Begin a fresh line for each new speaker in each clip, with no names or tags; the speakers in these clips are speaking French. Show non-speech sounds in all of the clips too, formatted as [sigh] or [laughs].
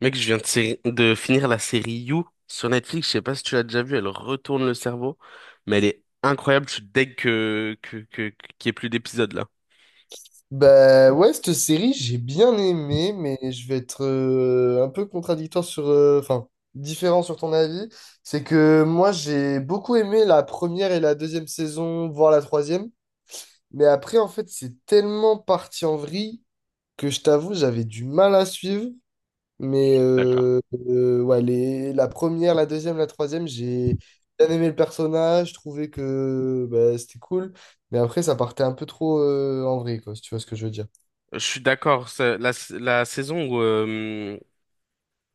Mec, je viens de, de finir la série You sur Netflix. Je sais pas si tu l'as déjà vue. Elle retourne le cerveau, mais elle est incroyable. Je suis deg qu'il y ait plus d'épisodes là.
Bah ouais, cette série, j'ai bien aimé, mais je vais être un peu contradictoire sur... différent sur ton avis. C'est que moi, j'ai beaucoup aimé la première et la deuxième saison, voire la troisième. Mais après, en fait, c'est tellement parti en vrille que je t'avoue, j'avais du mal à suivre. Mais
D'accord.
euh, euh, ouais, les, la première, la deuxième, la troisième, j'ai bien aimé le personnage, je trouvais que bah, c'était cool. Mais après, ça partait un peu trop en vrille, quoi, si tu vois ce que je veux dire.
Je suis d'accord. C'est la saison où,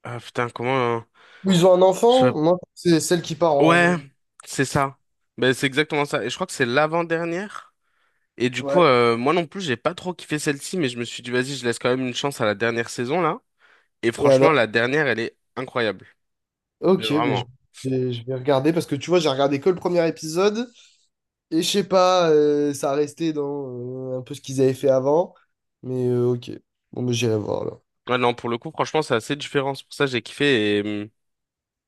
ah, putain, comment, hein,
Ils ont un
je
enfant? Moi, c'est celle qui part en
Ouais,
vrai.
c'est ça. Ben, c'est exactement ça. Et je crois que c'est l'avant-dernière. Et du coup,
Ouais.
moi non plus, j'ai pas trop kiffé celle-ci, mais je me suis dit, vas-y, je laisse quand même une chance à la dernière saison, là. Et
Et
franchement,
alors?
la dernière, elle est incroyable. Mais
Ok,
vraiment.
et je vais regarder parce que tu vois, j'ai regardé que le premier épisode et je sais pas, ça restait dans un peu ce qu'ils avaient fait avant. Mais ok. Bon, mais j'irai voir là.
Ouais, non, pour le coup, franchement, c'est assez différent. C'est pour ça que j'ai kiffé. Et...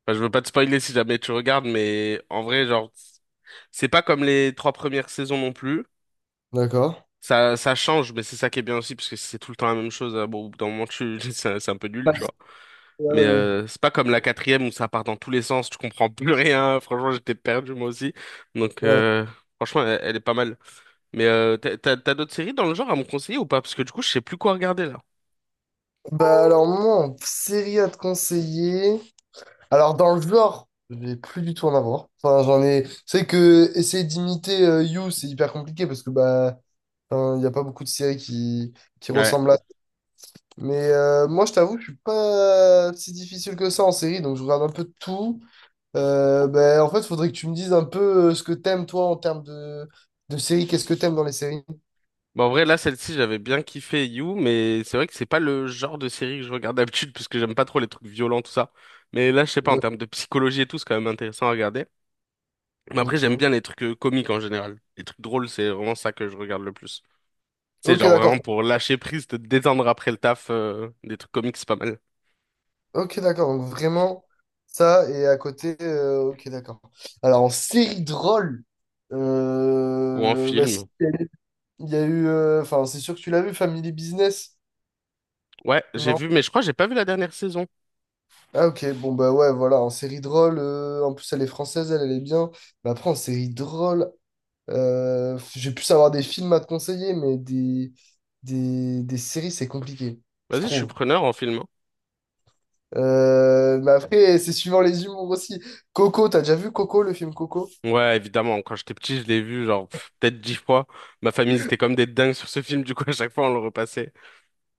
enfin, je veux pas te spoiler si jamais tu regardes, mais en vrai, genre, c'est pas comme les trois premières saisons non plus.
D'accord?
Ça change, mais c'est ça qui est bien aussi, parce que si c'est tout le temps la même chose, bon, au bout d'un moment, tu... [laughs] c'est un peu nul, tu
Parce-
vois.
Ouais,
Mais
ouais,
c'est pas comme la quatrième où ça part dans tous les sens, tu comprends plus rien. [laughs] Franchement, j'étais perdu moi aussi. Donc
ouais.
franchement, elle, elle est pas mal. Mais t'as d'autres séries dans le genre à me conseiller ou pas? Parce que du coup, je sais plus quoi regarder là.
Bah alors moi, en série à te conseiller. Alors dans le genre, je vais plus du tout en avoir. Enfin, j'en ai. C'est que essayer d'imiter You, c'est hyper compliqué parce que bah enfin, il n'y a pas beaucoup de séries qui
Ouais.
ressemblent à. Mais moi, je t'avoue, je suis pas si difficile que ça en série, donc je regarde un peu de tout. Ben, en fait, il faudrait que tu me dises un peu ce que t'aimes, toi, en termes de séries. Qu'est-ce que t'aimes dans les séries?
Bon, en vrai, là, celle-ci, j'avais bien kiffé You, mais c'est vrai que c'est pas le genre de série que je regarde d'habitude, parce que j'aime pas trop les trucs violents, tout ça. Mais là, je sais pas, en
Ouais.
termes de psychologie et tout, c'est quand même intéressant à regarder. Mais après, j'aime
Ok.
bien les trucs comiques en général. Les trucs drôles, c'est vraiment ça que je regarde le plus. Tu sais,
Ok,
genre vraiment
d'accord.
pour lâcher prise, te détendre après le taf, des trucs comiques, c'est pas mal.
Ok, d'accord. Donc, vraiment, ça, et à côté, ok, d'accord. Alors, en série drôle,
Ou en
bah, si,
film.
il y a eu... Enfin, c'est sûr que tu l'as vu, Family Business,
Ouais, j'ai
non?
vu, mais je crois que j'ai pas vu la dernière saison.
Ah ok, bon bah ouais, voilà, en série drôle, en plus elle est française, elle, elle est bien. Mais après, en série drôle, j'ai pu savoir des films à te conseiller, mais des, des séries, c'est compliqué, je
Vas-y, je suis
trouve.
preneur en film, hein.
Mais après, c'est suivant les humours aussi. Coco, t'as déjà vu Coco, le film Coco?
Ouais, évidemment, quand j'étais petit, je l'ai vu genre pff, peut-être dix fois. Ma famille, c'était comme des dingues sur ce film, du coup, à chaque fois, on le repassait.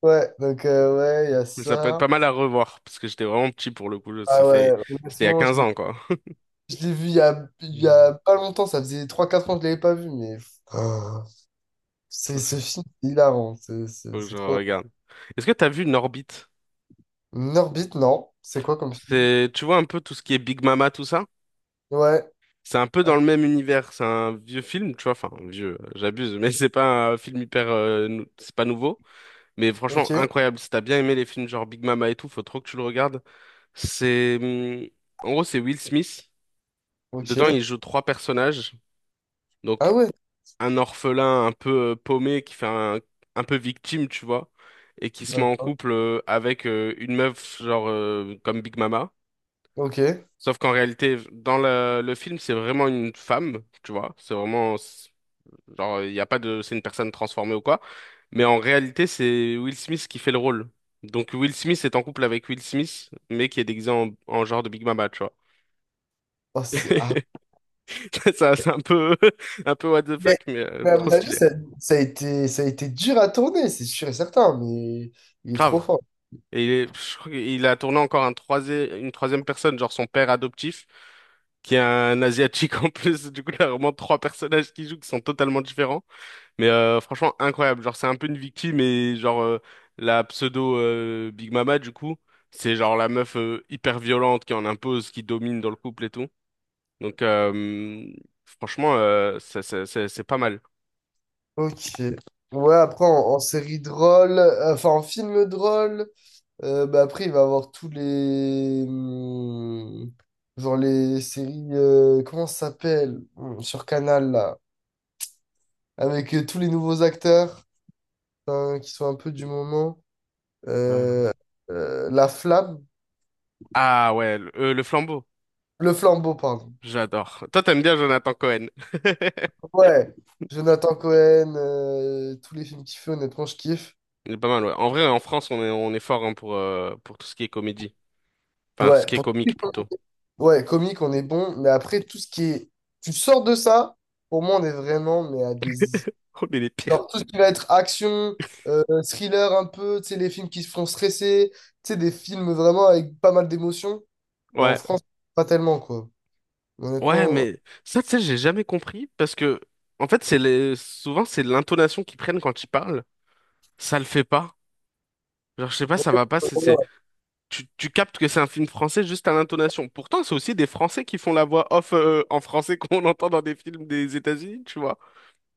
Ouais, donc ouais, il y a
Mais ça peut être
ça.
pas mal à revoir, parce que j'étais vraiment petit pour le coup. Ça
Ah
fait...
ouais,
C'était il y a
honnêtement,
15 ans, quoi. [laughs]
je l'ai vu il y a
Hmm.
pas longtemps, ça faisait trois quatre ans que je l'avais pas vu, mais... Ah, c'est
Faut que je
ce film, c'est hilarant,
faut que
c'est
je
trop...
regarde. Est-ce que t'as vu Norbit?
Norbit, non. C'est quoi comme film?
C'est, tu vois un peu tout ce qui est Big Mama, tout ça?
Ouais.
C'est un peu
Ah,
dans le même univers, c'est un vieux film, tu vois, enfin vieux, j'abuse, mais c'est pas un film hyper, c'est pas nouveau, mais franchement
ok.
incroyable. Si t'as bien aimé les films genre Big Mama et tout, faut trop que tu le regardes. C'est, en gros, c'est Will Smith.
Ok.
Dedans, il joue trois personnages,
Ah
donc
ouais.
un orphelin un peu paumé qui fait un peu victime, tu vois, et qui se met en
D'accord.
couple avec une meuf genre comme Big Mama.
Ok.
Sauf qu'en réalité, dans le film, c'est vraiment une femme, tu vois. C'est vraiment Genre, il n'y a pas de, c'est une personne transformée ou quoi. Mais en réalité, c'est Will Smith qui fait le rôle. Donc Will Smith est en couple avec Will Smith, mais qui est déguisé en genre de Big Mama, tu vois.
Oh, c'est... ah.
[laughs] Ça, c'est un peu, [laughs] un peu what the
Mais,
fuck, mais
mais à
trop
mon avis,
stylé.
ça, ça a été dur à tourner, c'est sûr et certain, mais il est trop
Grave.
fort.
Je crois qu'il a tourné encore un troisième, une troisième personne, genre son père adoptif, qui est un asiatique en plus. Du coup, il y a vraiment trois personnages qui jouent qui sont totalement différents. Mais franchement, incroyable. Genre, c'est un peu une victime et genre la pseudo Big Mama du coup, c'est genre la meuf hyper violente qui en impose, qui domine dans le couple et tout. Donc franchement, c'est pas mal.
Ok. Ouais, après, en, en série drôle, enfin, en film drôle, bah, après, il va avoir tous les... Genre les séries... comment ça s'appelle? Sur Canal, là. Avec tous les nouveaux acteurs, hein, qui sont un peu du moment.
Euh,
Euh, la flamme,
Ah ouais, le flambeau.
le flambeau, pardon.
J'adore. Toi, t'aimes bien Jonathan Cohen. [laughs]
Ouais, Jonathan Cohen, tous les films qu'il fait, honnêtement, je kiffe.
Il est pas mal, ouais. En vrai, en France, on est fort hein, pour tout ce qui est comédie. Enfin, tout ce
Ouais,
qui est
pour-
comique plutôt.
ouais, comique, on est bon, mais après, tout ce qui est. Tu sors de ça, pour moi, on est vraiment, mais à des.
[laughs] On est les pires.
Genre, tout ce qui va être action, thriller un peu, tu sais, les films qui se font stresser, tu sais, des films vraiment avec pas mal d'émotions, bah, en
Ouais.
France, pas tellement, quoi.
Ouais,
Honnêtement.
mais ça, tu sais, j'ai jamais compris parce que, en fait, c'est les... souvent, c'est l'intonation qu'ils prennent quand ils parlent. Ça le fait pas. Genre, je sais pas, ça va pas. C'est...
Ouais,
Tu captes que c'est un film français juste à l'intonation. Pourtant, c'est aussi des Français qui font la voix off en français [laughs] qu'on entend dans des films des États-Unis, tu vois.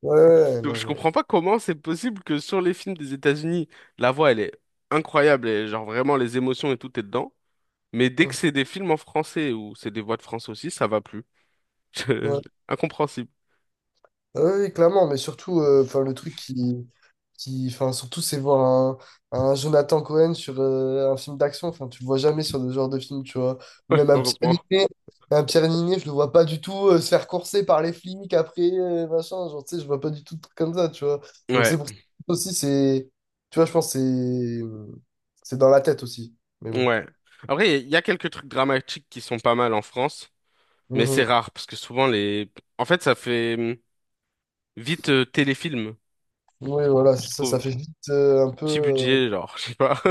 ouais,
Donc,
non,
je
mais.
comprends pas comment c'est possible que sur les films des États-Unis, la voix, elle est incroyable et, genre, vraiment, les émotions et tout est dedans. Mais dès que
Ouais.
c'est des films en français ou c'est des voix de France aussi, ça va plus. [laughs] Incompréhensible,
Ah oui, oui, clairement, mais surtout, enfin, le truc qui, enfin, surtout, c'est voir un Jonathan Cohen sur un film d'action. Enfin, tu le vois jamais sur ce genre de film, tu vois. Ou
[laughs]
même
heureusement.
Un Pierre Niney, je le vois pas du tout se faire courser par les flics après, machin. Genre, tu sais, je vois pas du tout de trucs comme ça, tu vois. Donc,
Ouais.
c'est pour ça aussi, c'est, tu vois, je pense que c'est dans la tête aussi. Mais bon.
Ouais. Après, il y a quelques trucs dramatiques qui sont pas mal en France, mais c'est
Mhm.
rare parce que souvent les. En fait, ça fait vite téléfilm,
Oui, voilà, c'est
je
ça, ça
trouve.
fait vite un peu.
Petit budget, genre, [laughs] je sais pas.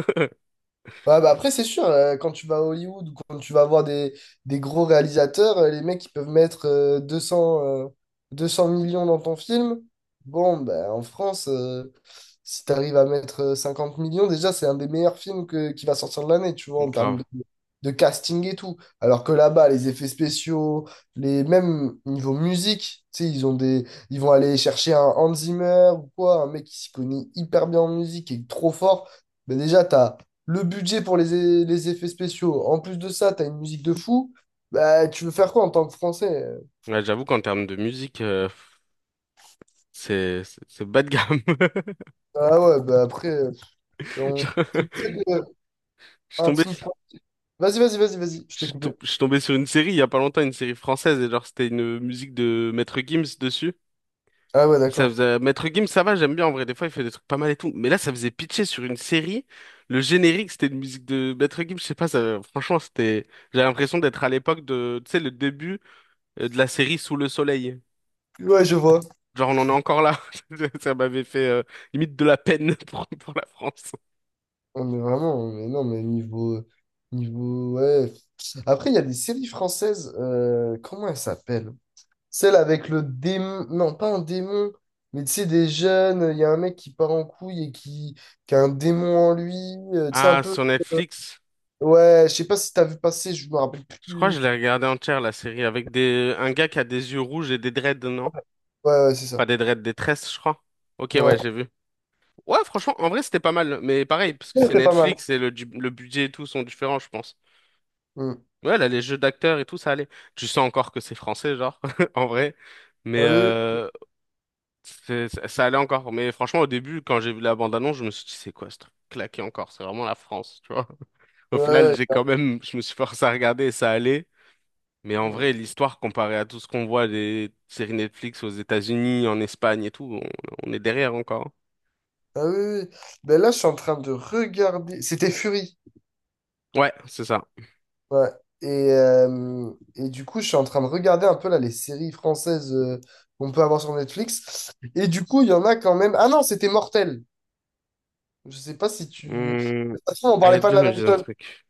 Bah bah après, c'est sûr, quand tu vas à Hollywood ou quand tu vas voir des gros réalisateurs, les mecs, ils peuvent mettre 200, 200 millions dans ton film. Bon, bah, en France, si tu arrives à mettre 50 millions, déjà, c'est un des meilleurs films que, qui va sortir de l'année, tu vois,
Donc,
en termes
grave.
de casting et tout. Alors que là-bas, les effets spéciaux, les même niveau musique, tu sais, ils ont des, ils vont aller chercher un Hans Zimmer ou quoi, un mec qui s'y connaît hyper bien en musique et trop fort. Mais déjà, tu as le budget pour les, é- les effets spéciaux. En plus de ça, t'as une musique de fou. Bah, tu veux faire quoi en tant que Français?
Ouais, j'avoue qu'en termes de musique, c'est bas de gamme.
Ah ouais, bah après,
[laughs]
on...
Je
c'est pour ça que,
je suis
un
tombé,
film.
sur-
Vas-y, je t'ai coupé.
je suis tombé sur une série il y a pas longtemps, une série française et genre c'était une musique de Maître Gims dessus.
Ah ouais,
Ça
d'accord.
faisait... Maître Gims, ça va, j'aime bien en vrai. Des fois, il fait des trucs pas mal et tout. Mais là, ça faisait pitcher sur une série. Le générique, c'était une musique de Maître Gims. Je sais pas, ça- franchement, c'était. J'ai l'impression d'être à l'époque de, tu sais, le début de la série Sous le soleil.
Ouais, je vois.
Genre, on en est encore là. [laughs] Ça m'avait fait limite de la peine [laughs] pour la France.
On est vraiment, mais non, mais niveau. Niveau. Ouais. Après, il y a des séries françaises. Comment elles s'appellent? Celle avec le démon. Non, pas un démon. Mais tu sais, des jeunes, il y a un mec qui part en couille et qui a un démon en lui. Tu sais, un
Ah,
peu.
sur Netflix,
Ouais, je sais pas si t'as vu passer, je me rappelle
je crois que
plus.
je l'ai regardé entière, la série, avec des... un gars qui a des yeux rouges et des dreads, non?
Ouais, c'est
Pas
ça.
des dreads, des tresses, je crois. Ok,
Ouais,
ouais, j'ai vu. Ouais, franchement, en vrai, c'était pas mal. Mais pareil, parce que c'est
c'était pas mal.
Netflix et le budget et tout sont différents, je pense.
Hmm.
Ouais, là, les jeux d'acteurs et tout, ça allait. Tu sens encore que c'est français, genre, [laughs] en vrai. Mais
Ah oui,
ça allait encore. Mais franchement, au début, quand j'ai vu la bande-annonce, je me suis dit, c'est quoi ce truc claqué encore? C'est vraiment la France, tu vois. Au
oui,
final,
ouais,
j'ai
ouais.
quand même, je me suis forcé à regarder et ça allait. Mais en
Hmm.
vrai, l'histoire, comparée à tout ce qu'on voit des séries Netflix aux États-Unis, en Espagne et tout, on est derrière encore,
Ah oui, oui, oui. Ben là, je suis en train de regarder. C'était Fury.
hein. Ouais, c'est ça.
Ouais. Et du coup, je suis en train de regarder un peu là les séries françaises qu'on peut avoir sur Netflix. Et du coup, il y en a quand même. Ah non, c'était Mortel. Je sais pas si tu. De
Hmm,
toute façon, on
les
parlait pas de
deux
la
me
même
disent un
chose.
truc.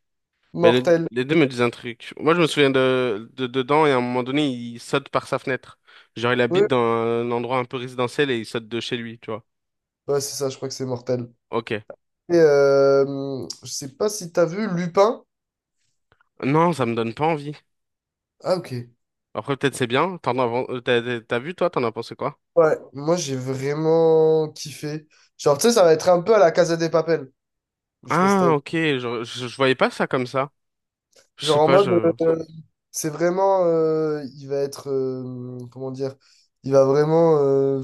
Mais
Mortel.
les deux me disent un truc. Moi, je me souviens de dedans et à un moment donné, il saute par sa fenêtre. Genre, il habite
Oui.
dans un endroit un peu résidentiel et il saute de chez lui, tu vois.
Ouais, c'est ça, je crois que c'est Mortel.
Ok.
Et je sais pas si t'as vu Lupin.
Non, ça me donne pas envie.
Ah, ok.
Après, peut-être c'est bien. T'as vu, toi, t'en as pensé quoi?
Ouais, moi j'ai vraiment kiffé. Genre, tu sais, ça va être un peu à la Casa des Papel. Je sais pas si t'as...
Ah, ok. Je voyais pas ça comme ça. Je
Genre
sais
en
pas,
mode,
je...
euh, c'est vraiment, il va être, comment dire, il va vraiment,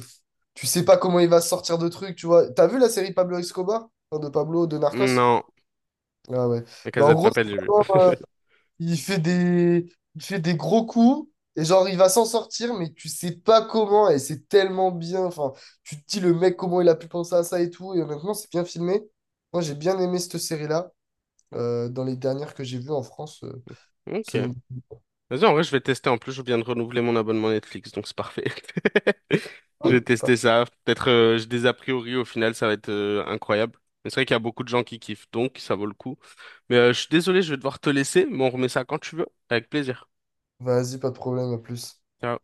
tu sais pas comment il va sortir de trucs, tu vois. T'as vu la série Pablo Escobar? Enfin, de Pablo, de Narcos?
Non.
Ah ouais.
La
Bah, en
Casa de
gros,
Papel, j'ai vu. [laughs]
il fait des, il fait des gros coups et genre il va s'en sortir, mais tu sais pas comment et c'est tellement bien. Enfin, tu te dis le mec comment il a pu penser à ça et tout. Et honnêtement, c'est bien filmé. Moi, j'ai bien aimé cette série-là. Dans les dernières que j'ai vues en France,
Ok.
Céline.
Vas-y, en vrai, je vais tester. En plus, je viens de renouveler mon abonnement Netflix, donc c'est parfait. [laughs] Je vais
Enfin,
tester ça. Peut-être j'ai des a priori, au final, ça va être incroyable. Mais c'est vrai qu'il y a beaucoup de gens qui kiffent, donc ça vaut le coup. Mais je suis désolé, je vais devoir te laisser, mais on remet ça quand tu veux, avec plaisir.
vas-y, pas de problème, à plus.
Ciao.